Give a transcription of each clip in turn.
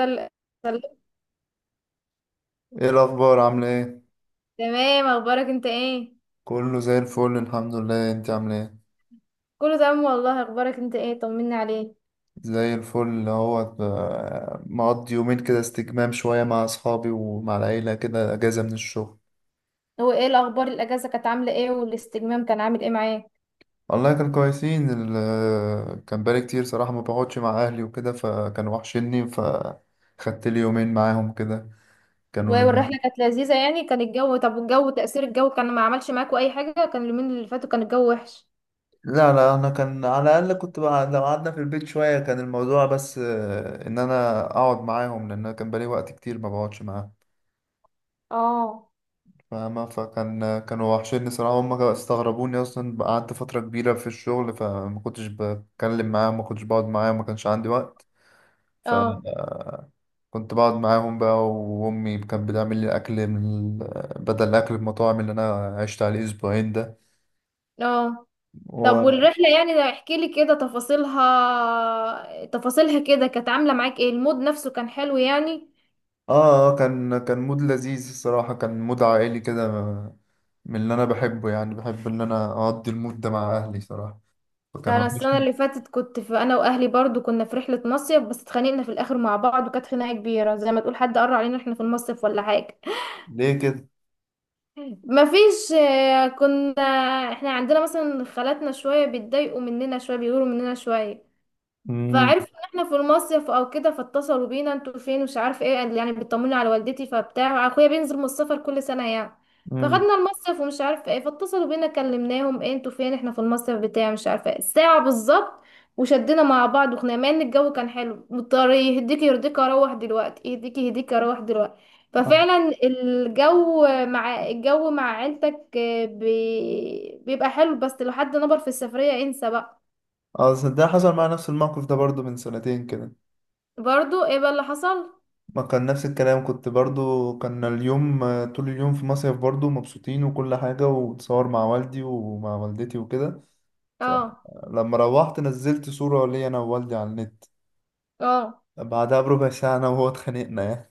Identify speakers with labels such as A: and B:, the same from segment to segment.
A: سل- سلام.
B: ايه الاخبار عامله ايه؟
A: تمام، اخبارك انت ايه؟
B: كله زي الفل الحمد لله، انت عامله ايه؟
A: كله تمام والله، اخبارك انت ايه؟ طمني عليك.
B: زي الفل، اللي هو مقضي يومين كده استجمام شويه مع اصحابي ومع العيله كده، اجازه من الشغل.
A: هو ايه الاخبار؟ الاجازه كانت عامله ايه والاستجمام كان عامل ايه معاك؟
B: والله كان كويسين، كان بقالي كتير صراحه ما بقعدش مع اهلي وكده، فكانوا وحشني فخدت لي يومين معاهم كده. كانوا لذيذ.
A: والرحله كانت لذيذه يعني؟ كان الجو طب؟ والجو، تاثير الجو كان ما عملش معاكوا اي حاجه؟ كان اليومين اللي فاتوا كان الجو وحش.
B: لا لا، انا كان على الاقل كنت بقعد، لو قعدنا في البيت شويه كان الموضوع بس ان انا اقعد معاهم، لان أنا كان بقالي وقت كتير ما بقعدش معاهم.
A: اه
B: فاهمة؟ فكان كانوا وحشين صراحة، هما استغربوني أصلا، قعدت فترة كبيرة في الشغل فما كنتش بتكلم معاهم، ما كنتش بقعد معاهم، ما كانش عندي وقت. فكنت
A: اه
B: بقعد معاهم بقى، وأمي كانت بتعمل لي أكل بدل أكل المطاعم اللي أنا عشت عليه أسبوعين ده.
A: اه
B: و...
A: طب
B: آه
A: والرحله يعني، ده احكي لي كده تفاصيلها، كده كانت عامله معاك ايه؟ المود نفسه كان حلو يعني؟
B: كان مود لذيذ الصراحة، كان مود عائلي كده، من اللي أنا بحبه. يعني بحب إن أنا أقضي المود ده مع أهلي صراحة، فكان
A: ده انا السنه
B: وحشني.
A: اللي فاتت كنت في، انا واهلي برضو كنا في رحله مصيف، بس اتخانقنا في الاخر مع بعض، وكانت خناقه كبيره زي ما تقول حد قرر علينا احنا في المصيف ولا حاجه.
B: ليه كده؟
A: مفيش. كنا، احنا عندنا مثلا خالاتنا شويه بيتضايقوا مننا، شويه بيغيروا مننا شويه.
B: امم
A: فعرفوا ان احنا في المصيف او كده، فاتصلوا بينا انتوا فين مش عارف ايه، يعني بيطمنوا على والدتي، فبتاع اخويا بينزل من السفر كل سنه يعني. فخدنا المصيف ومش عارف ايه، فاتصلوا بينا كلمناهم ايه انتوا فين، احنا في المصيف بتاع مش عارفه ايه ساعه بالظبط. وشدنا مع بعض وخنا، مع ان الجو كان حلو، مضطر يهديك يرضيك، اروح دلوقتي يهديك، اروح دلوقتي. ففعلا الجو، مع الجو مع عيلتك بيبقى حلو، بس لو حد نبر في السفريه انسى بقى.
B: اه صدق، حصل معايا نفس الموقف ده برضو من سنتين كده.
A: برضو ايه بقى اللي حصل؟
B: ما كان نفس الكلام، كنت برضو كان اليوم، طول اليوم في مصيف برضو مبسوطين وكل حاجة، وتصور مع والدي ومع والدتي وكده.
A: اه
B: فلما روحت نزلت صورة ليا أنا ووالدي على النت.
A: اه
B: بعدها بربع ساعة أنا وهو اتخانقنا يعني.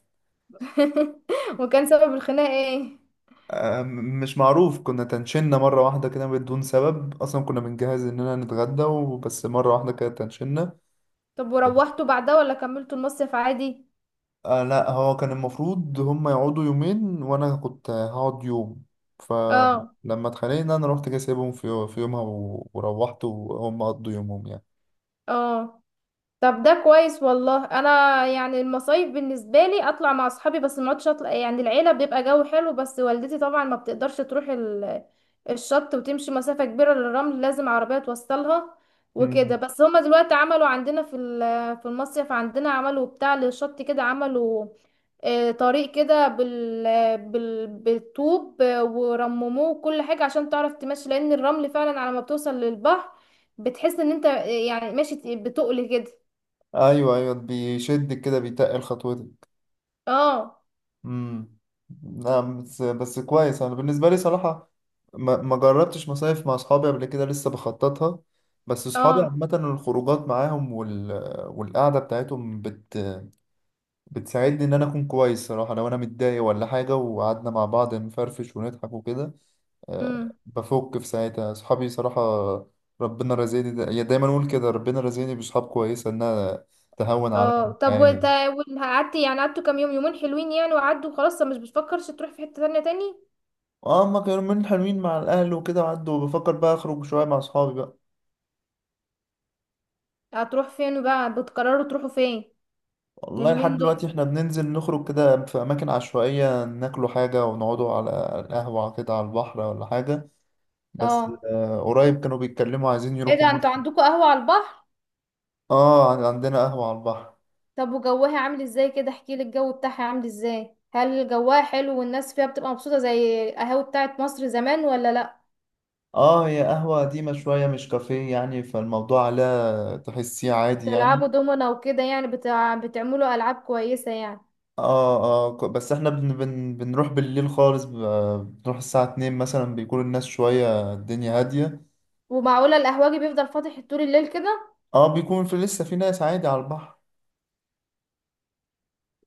A: وكان سبب الخناقة ايه؟
B: مش معروف، كنا تنشنا مرة واحدة كده بدون سبب أصلا، كنا بنجهز إننا نتغدى وبس مرة واحدة كده تنشنا.
A: طب وروحتوا بعدها ولا كملتوا المصيف عادي؟
B: آه لا، هو كان المفروض هم يقعدوا يومين وانا كنت هقعد يوم.
A: اه
B: فلما اتخانقنا انا رحت جاي سايبهم في يومها، وروحت وهم قضوا يومهم يعني.
A: اه طب ده كويس والله. انا يعني المصايف بالنسبه لي اطلع مع اصحابي، بس ما اقعدش اطلع يعني. العيله بيبقى جو حلو، بس والدتي طبعا ما بتقدرش تروح الشط وتمشي مسافه كبيره للرمل، لازم عربيه توصلها وكده.
B: مم.
A: بس هما دلوقتي عملوا عندنا في في المصيف عندنا، عملوا بتاع للشط كده، عملوا طريق كده بالطوب، ورمموه كل حاجة عشان تعرف تمشي، لأن الرمل فعلا على ما بتوصل للبحر بتحس ان انت يعني ماشي بتقل كده.
B: ايوه ايوه، بيشدك كده بيتقل خطوتك.
A: اه
B: امم. نعم، بس كويس. انا بالنسبه لي صراحه ما جربتش مصايف مع اصحابي قبل كده، لسه بخططها. بس اصحابي
A: اه
B: عامه الخروجات معاهم والقعده بتاعتهم بتساعدني ان انا اكون كويس صراحه، لو انا متضايق ولا حاجه وقعدنا مع بعض نفرفش ونضحك وكده. آه،
A: امم
B: بفك في ساعتها صحابي صراحه. ربنا رزقني، دا يا دايما اقول كده، ربنا رزقني بصحاب كويسه، انها تهون عليا
A: اه طب
B: الحياه.
A: وانت قعدت يعني، كام يوم؟ يومين حلوين يعني وعدوا خلاص؟ طب مش بتفكرش تروح في حتة تانية تاني؟
B: اه اما كانوا من حلوين مع الاهل وكده وعدوا، بفكر بقى اخرج شويه مع اصحابي بقى.
A: هتروح فين بقى؟ بتقرروا تروحوا فين
B: والله لحد
A: اليومين
B: دلوقتي
A: دول؟
B: احنا بننزل نخرج كده في اماكن عشوائيه، ناكلوا حاجه ونقعدوا على القهوه كده على البحر ولا حاجه. بس
A: اه.
B: قريب كانوا بيتكلموا عايزين
A: ايه
B: يروحوا.
A: ده انتوا عندكوا قهوة على البحر؟
B: اه عندنا قهوة على البحر.
A: طب وجوها عامل ازاي؟ كده احكي لي الجو بتاعها عامل ازاي، هل جواها حلو والناس فيها بتبقى مبسوطة زي القهاوي بتاعت مصر زمان ولا لا؟
B: اه، هي قهوة قديمة شوية، مش كافيه يعني، فالموضوع لا تحسيه عادي يعني.
A: بتلعبوا دومنا وكده يعني؟ بتعملوا العاب كويسة يعني؟
B: بس احنا بن بن بنروح بالليل خالص، بنروح الساعة 2 مثلا، بيكون الناس شوية الدنيا هادية.
A: ومعقولة القهوجي بيفضل فاتح طول الليل كده؟
B: اه بيكون في لسه في ناس عادي على البحر.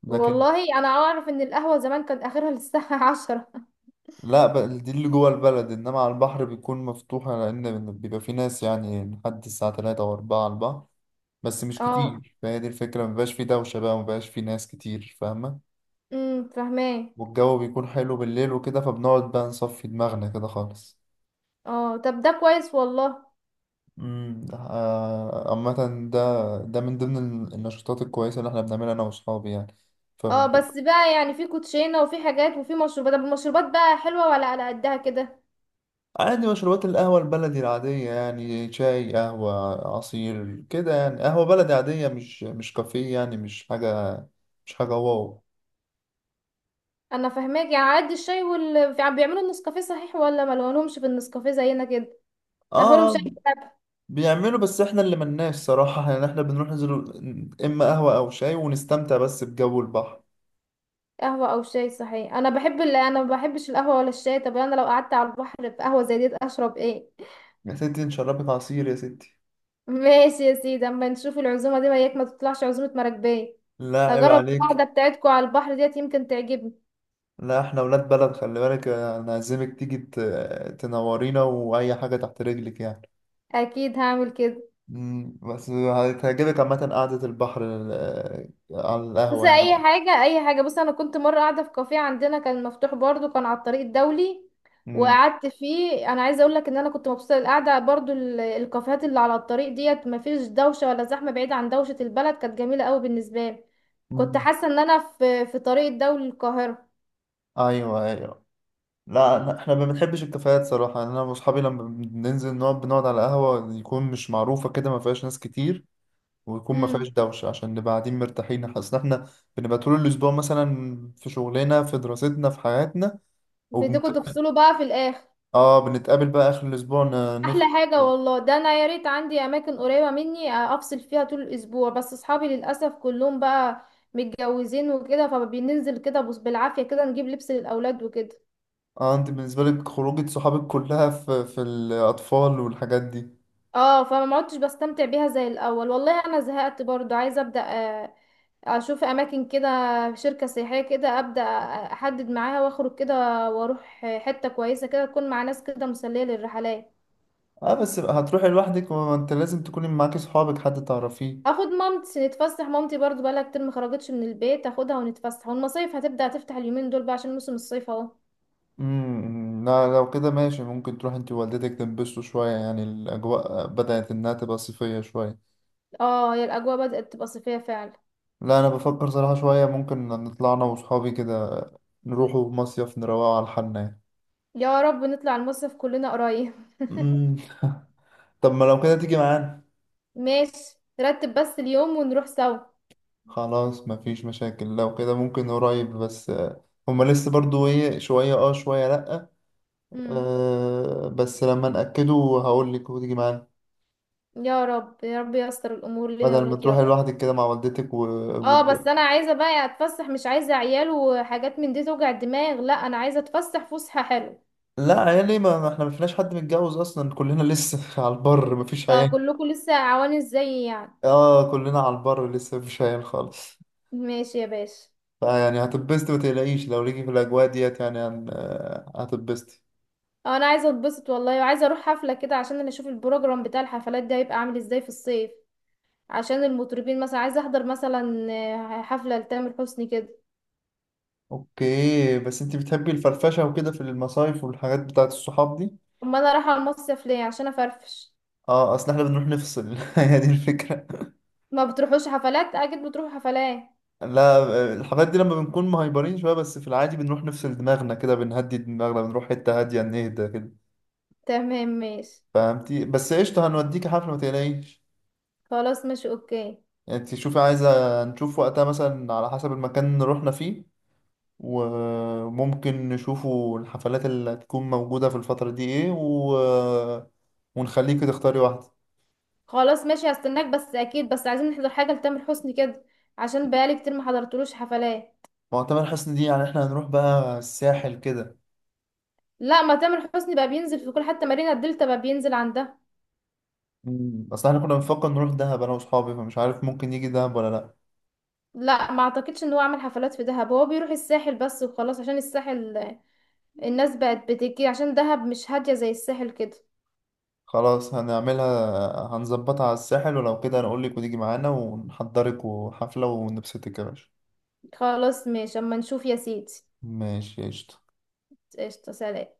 B: لكن
A: والله انا اعرف ان القهوه زمان كان اخرها للساعه عشرة.
B: لا، دي اللي جوه البلد، انما على البحر بيكون مفتوحة لان بيبقى في ناس يعني لحد الساعة 3 او 4 على البحر. بس مش
A: اه
B: كتير، فهي دي الفكرة، مبقاش في دوشة بقى، مبقاش في ناس كتير. فاهمة؟
A: فاهماه.
B: والجو بيكون حلو بالليل وكده، فبنقعد بقى نصفي دماغنا كده خالص.
A: اه طب ده كويس والله.
B: امم. عامة ده من ضمن النشاطات الكويسة اللي احنا بنعملها أنا وأصحابي يعني.
A: اه
B: فب-
A: بس بقى يعني في كوتشينه وفي حاجات وفي مشروبات، طب المشروبات بقى حلوه ولا على قدها كده؟
B: عادي، مشروبات القهوة البلدي العادية يعني، شاي قهوة عصير كده يعني، قهوة بلدي عادية، مش كافيه يعني، مش حاجة، مش حاجة واو.
A: انا فاهماك، يعني على قد الشاي وال، بيعملوا النسكافيه صحيح ولا ما لهمش في النسكافيه زينا كده؟
B: اه،
A: اخرهم شاي
B: آه،
A: بلبن.
B: بيعملوا، بس احنا اللي ملناش صراحة يعني، احنا بنروح ننزل اما قهوة او شاي ونستمتع بس بجو البحر.
A: قهوه او شاي؟ صحيح انا بحب انا ما بحبش القهوه ولا الشاي، طب انا لو قعدت على البحر في قهوه زي دي اشرب ايه؟
B: يا ستي نشربك عصير يا ستي.
A: ماشي يا سيدي، اما نشوف العزومه دي وياك، ما تطلعش عزومه مراكبيه.
B: لا عيب
A: هجرب
B: عليك،
A: القعده بتاعتكم على البحر ديت، يمكن تعجبني.
B: لا احنا ولاد بلد خلي بالك، انا عازمك تيجي تنورينا، واي حاجه تحت رجلك يعني.
A: اكيد هعمل كده.
B: مم، بس هتعجبك عامه قعده البحر على
A: بس
B: القهوه
A: اي
B: يعني.
A: حاجه، اي حاجه، بص انا كنت مره قاعده في كافيه عندنا، كان مفتوح برضو، كان على الطريق الدولي،
B: مم.
A: وقعدت فيه. انا عايزه اقول لك ان انا كنت مبسوطه، القعده برضو الكافيهات اللي على الطريق ديت ما فيش دوشه ولا زحمه، بعيد عن دوشه البلد، كانت جميله قوي بالنسبه لي. كنت
B: مم.
A: حاسه ان انا في، في طريق الدولي للقاهره.
B: ايوه ايوه. لا أنا- احنا ما بنحبش الكافيهات صراحه، يعني انا واصحابي لما بننزل نقعد بنقعد على قهوه يكون مش معروفه كده، ما فيهاش ناس كتير، ويكون ما فيهاش
A: امم.
B: دوشه، عشان نبقى قاعدين مرتاحين، حاسس ان احنا بنبقى طول الاسبوع مثلا في شغلنا في دراستنا في حياتنا.
A: بدكم تفصلوا بقى في الاخر.
B: اه بنتقابل بقى اخر الاسبوع،
A: احلى
B: نفطر.
A: حاجه والله. ده انا يا ريت عندي اماكن قريبه مني، افصل فيها طول الاسبوع، بس اصحابي للاسف كلهم بقى متجوزين وكده، فبننزل كده بص بالعافيه كده نجيب لبس للاولاد وكده.
B: اه، انت بالنسبه لك خروجه صحابك كلها في الاطفال والحاجات دي.
A: اه فما عدتش بستمتع بيها زي الاول. والله انا زهقت برضو، عايزه ابدا آه، اشوف اماكن كده، شركه سياحيه كده ابدا، احدد معاها واخرج كده، واروح حته كويسه كده تكون مع ناس كده مسليه للرحلات.
B: اه، بس هتروحي لوحدك؟ ما انت لازم تكوني معاكي صحابك، حد تعرفيه.
A: اخد مامتي نتفسح، مامتي برضو بقالها كتير ما خرجتش من البيت، اخدها ونتفسح، والمصايف هتبدأ تفتح اليومين دول بقى عشان موسم الصيف اهو.
B: امم، لا لو كده ماشي، ممكن تروح انت ووالدتك تنبسطوا شويه يعني، الاجواء بدات انها تبقى صيفيه شويه.
A: اه، يا الاجواء بدأت تبقى صيفية فعلا.
B: لا انا بفكر صراحه شويه ممكن نطلع انا وصحابي كده، نروحوا مصيف نروقوا على حالنا يعني.
A: يا رب نطلع المصيف كلنا قريب.
B: امم. طب ما لو كده تيجي معانا.
A: ماشي، نرتب بس اليوم ونروح سوا.
B: خلاص مفيش مشاكل، لو كده ممكن قريب، بس هما لسه برضو ايه، شوية اه شوية لأ.
A: امم.
B: آه بس لما نأكده هقول لك وتيجي معانا،
A: يا رب يا رب ييسر الامور لنا
B: بدل ما
A: وليك يا
B: تروحي
A: رب.
B: لوحدك كده مع والدتك و...
A: اه بس انا عايزه بقى اتفسح، مش عايزه عيال وحاجات من دي توجع الدماغ، لا انا عايزه اتفسح فسحه حلوه.
B: لا عيالي ما احنا ما فيناش حد متجوز اصلا، كلنا لسه على البر مفيش
A: اه
B: عيال.
A: كلكم لسه عوانس زيي يعني.
B: اه كلنا على البر لسه مفيش عيال خالص.
A: ماشي يا باشا.
B: فيعني هتتبسطي ما تقلقيش، لو ليكي في الاجواء ديت يعني، هن... آه، هتتبسطي.
A: اه انا عايزه اتبسط والله، وعايزه اروح حفله كده عشان انا اشوف البروجرام بتاع الحفلات ده هيبقى عامل ازاي في الصيف، عشان المطربين مثلا عايزه احضر مثلا حفله لتامر حسني كده.
B: اوكي، بس انت بتحبي الفرفشة وكده في المصايف والحاجات بتاعت الصحاب دي؟
A: امال انا رايحه المصيف ليه؟ عشان افرفش.
B: اه اصل احنا بنروح نفصل هي دي الفكرة.
A: ما بتروحوش حفلات؟ اكيد بتروحوا حفلات.
B: لا الحاجات دي لما بنكون مهايبرين شوية، بس في العادي بنروح نفصل دماغنا كده، بنهدي دماغنا، بنروح حتة هادية نهدى كده.
A: تمام ماشي.
B: فهمتي؟ بس قشطة هنوديك حفلة ما تقلقيش.
A: خلاص ماشي اوكي.
B: يعني انت شوفي، عايزة نشوف وقتها مثلا على حسب المكان اللي رحنا فيه، وممكن نشوفوا الحفلات اللي هتكون موجودة في الفترة دي ايه، ونخليكي تختاري واحدة.
A: خلاص ماشي هستناك، بس اكيد بس عايزين نحضر حاجه لتامر حسني كده، عشان بقالي كتير ما حضرتلوش حفلات.
B: معتمر حسني دي يعني احنا هنروح بقى الساحل كده.
A: لا ما تامر حسني بقى بينزل في كل حتى، مارينا الدلتا بقى بينزل عندها.
B: مم. اصل احنا كنا بنفكر نروح دهب انا واصحابي، فمش عارف ممكن يجي دهب ولا لا.
A: لا ما اعتقدش ان هو عمل حفلات في دهب، هو بيروح الساحل بس وخلاص، عشان الساحل الناس بقت بتجي، عشان دهب مش هادية زي الساحل كده.
B: خلاص هنعملها، هنظبطها على الساحل، ولو كده هنقولك وتيجي معانا ونحضرك وحفلة ونبسطك يا باشا.
A: خلاص ماشي اما نشوف يا سيدي.
B: ماشي قشطة.
A: قشطة، سلام.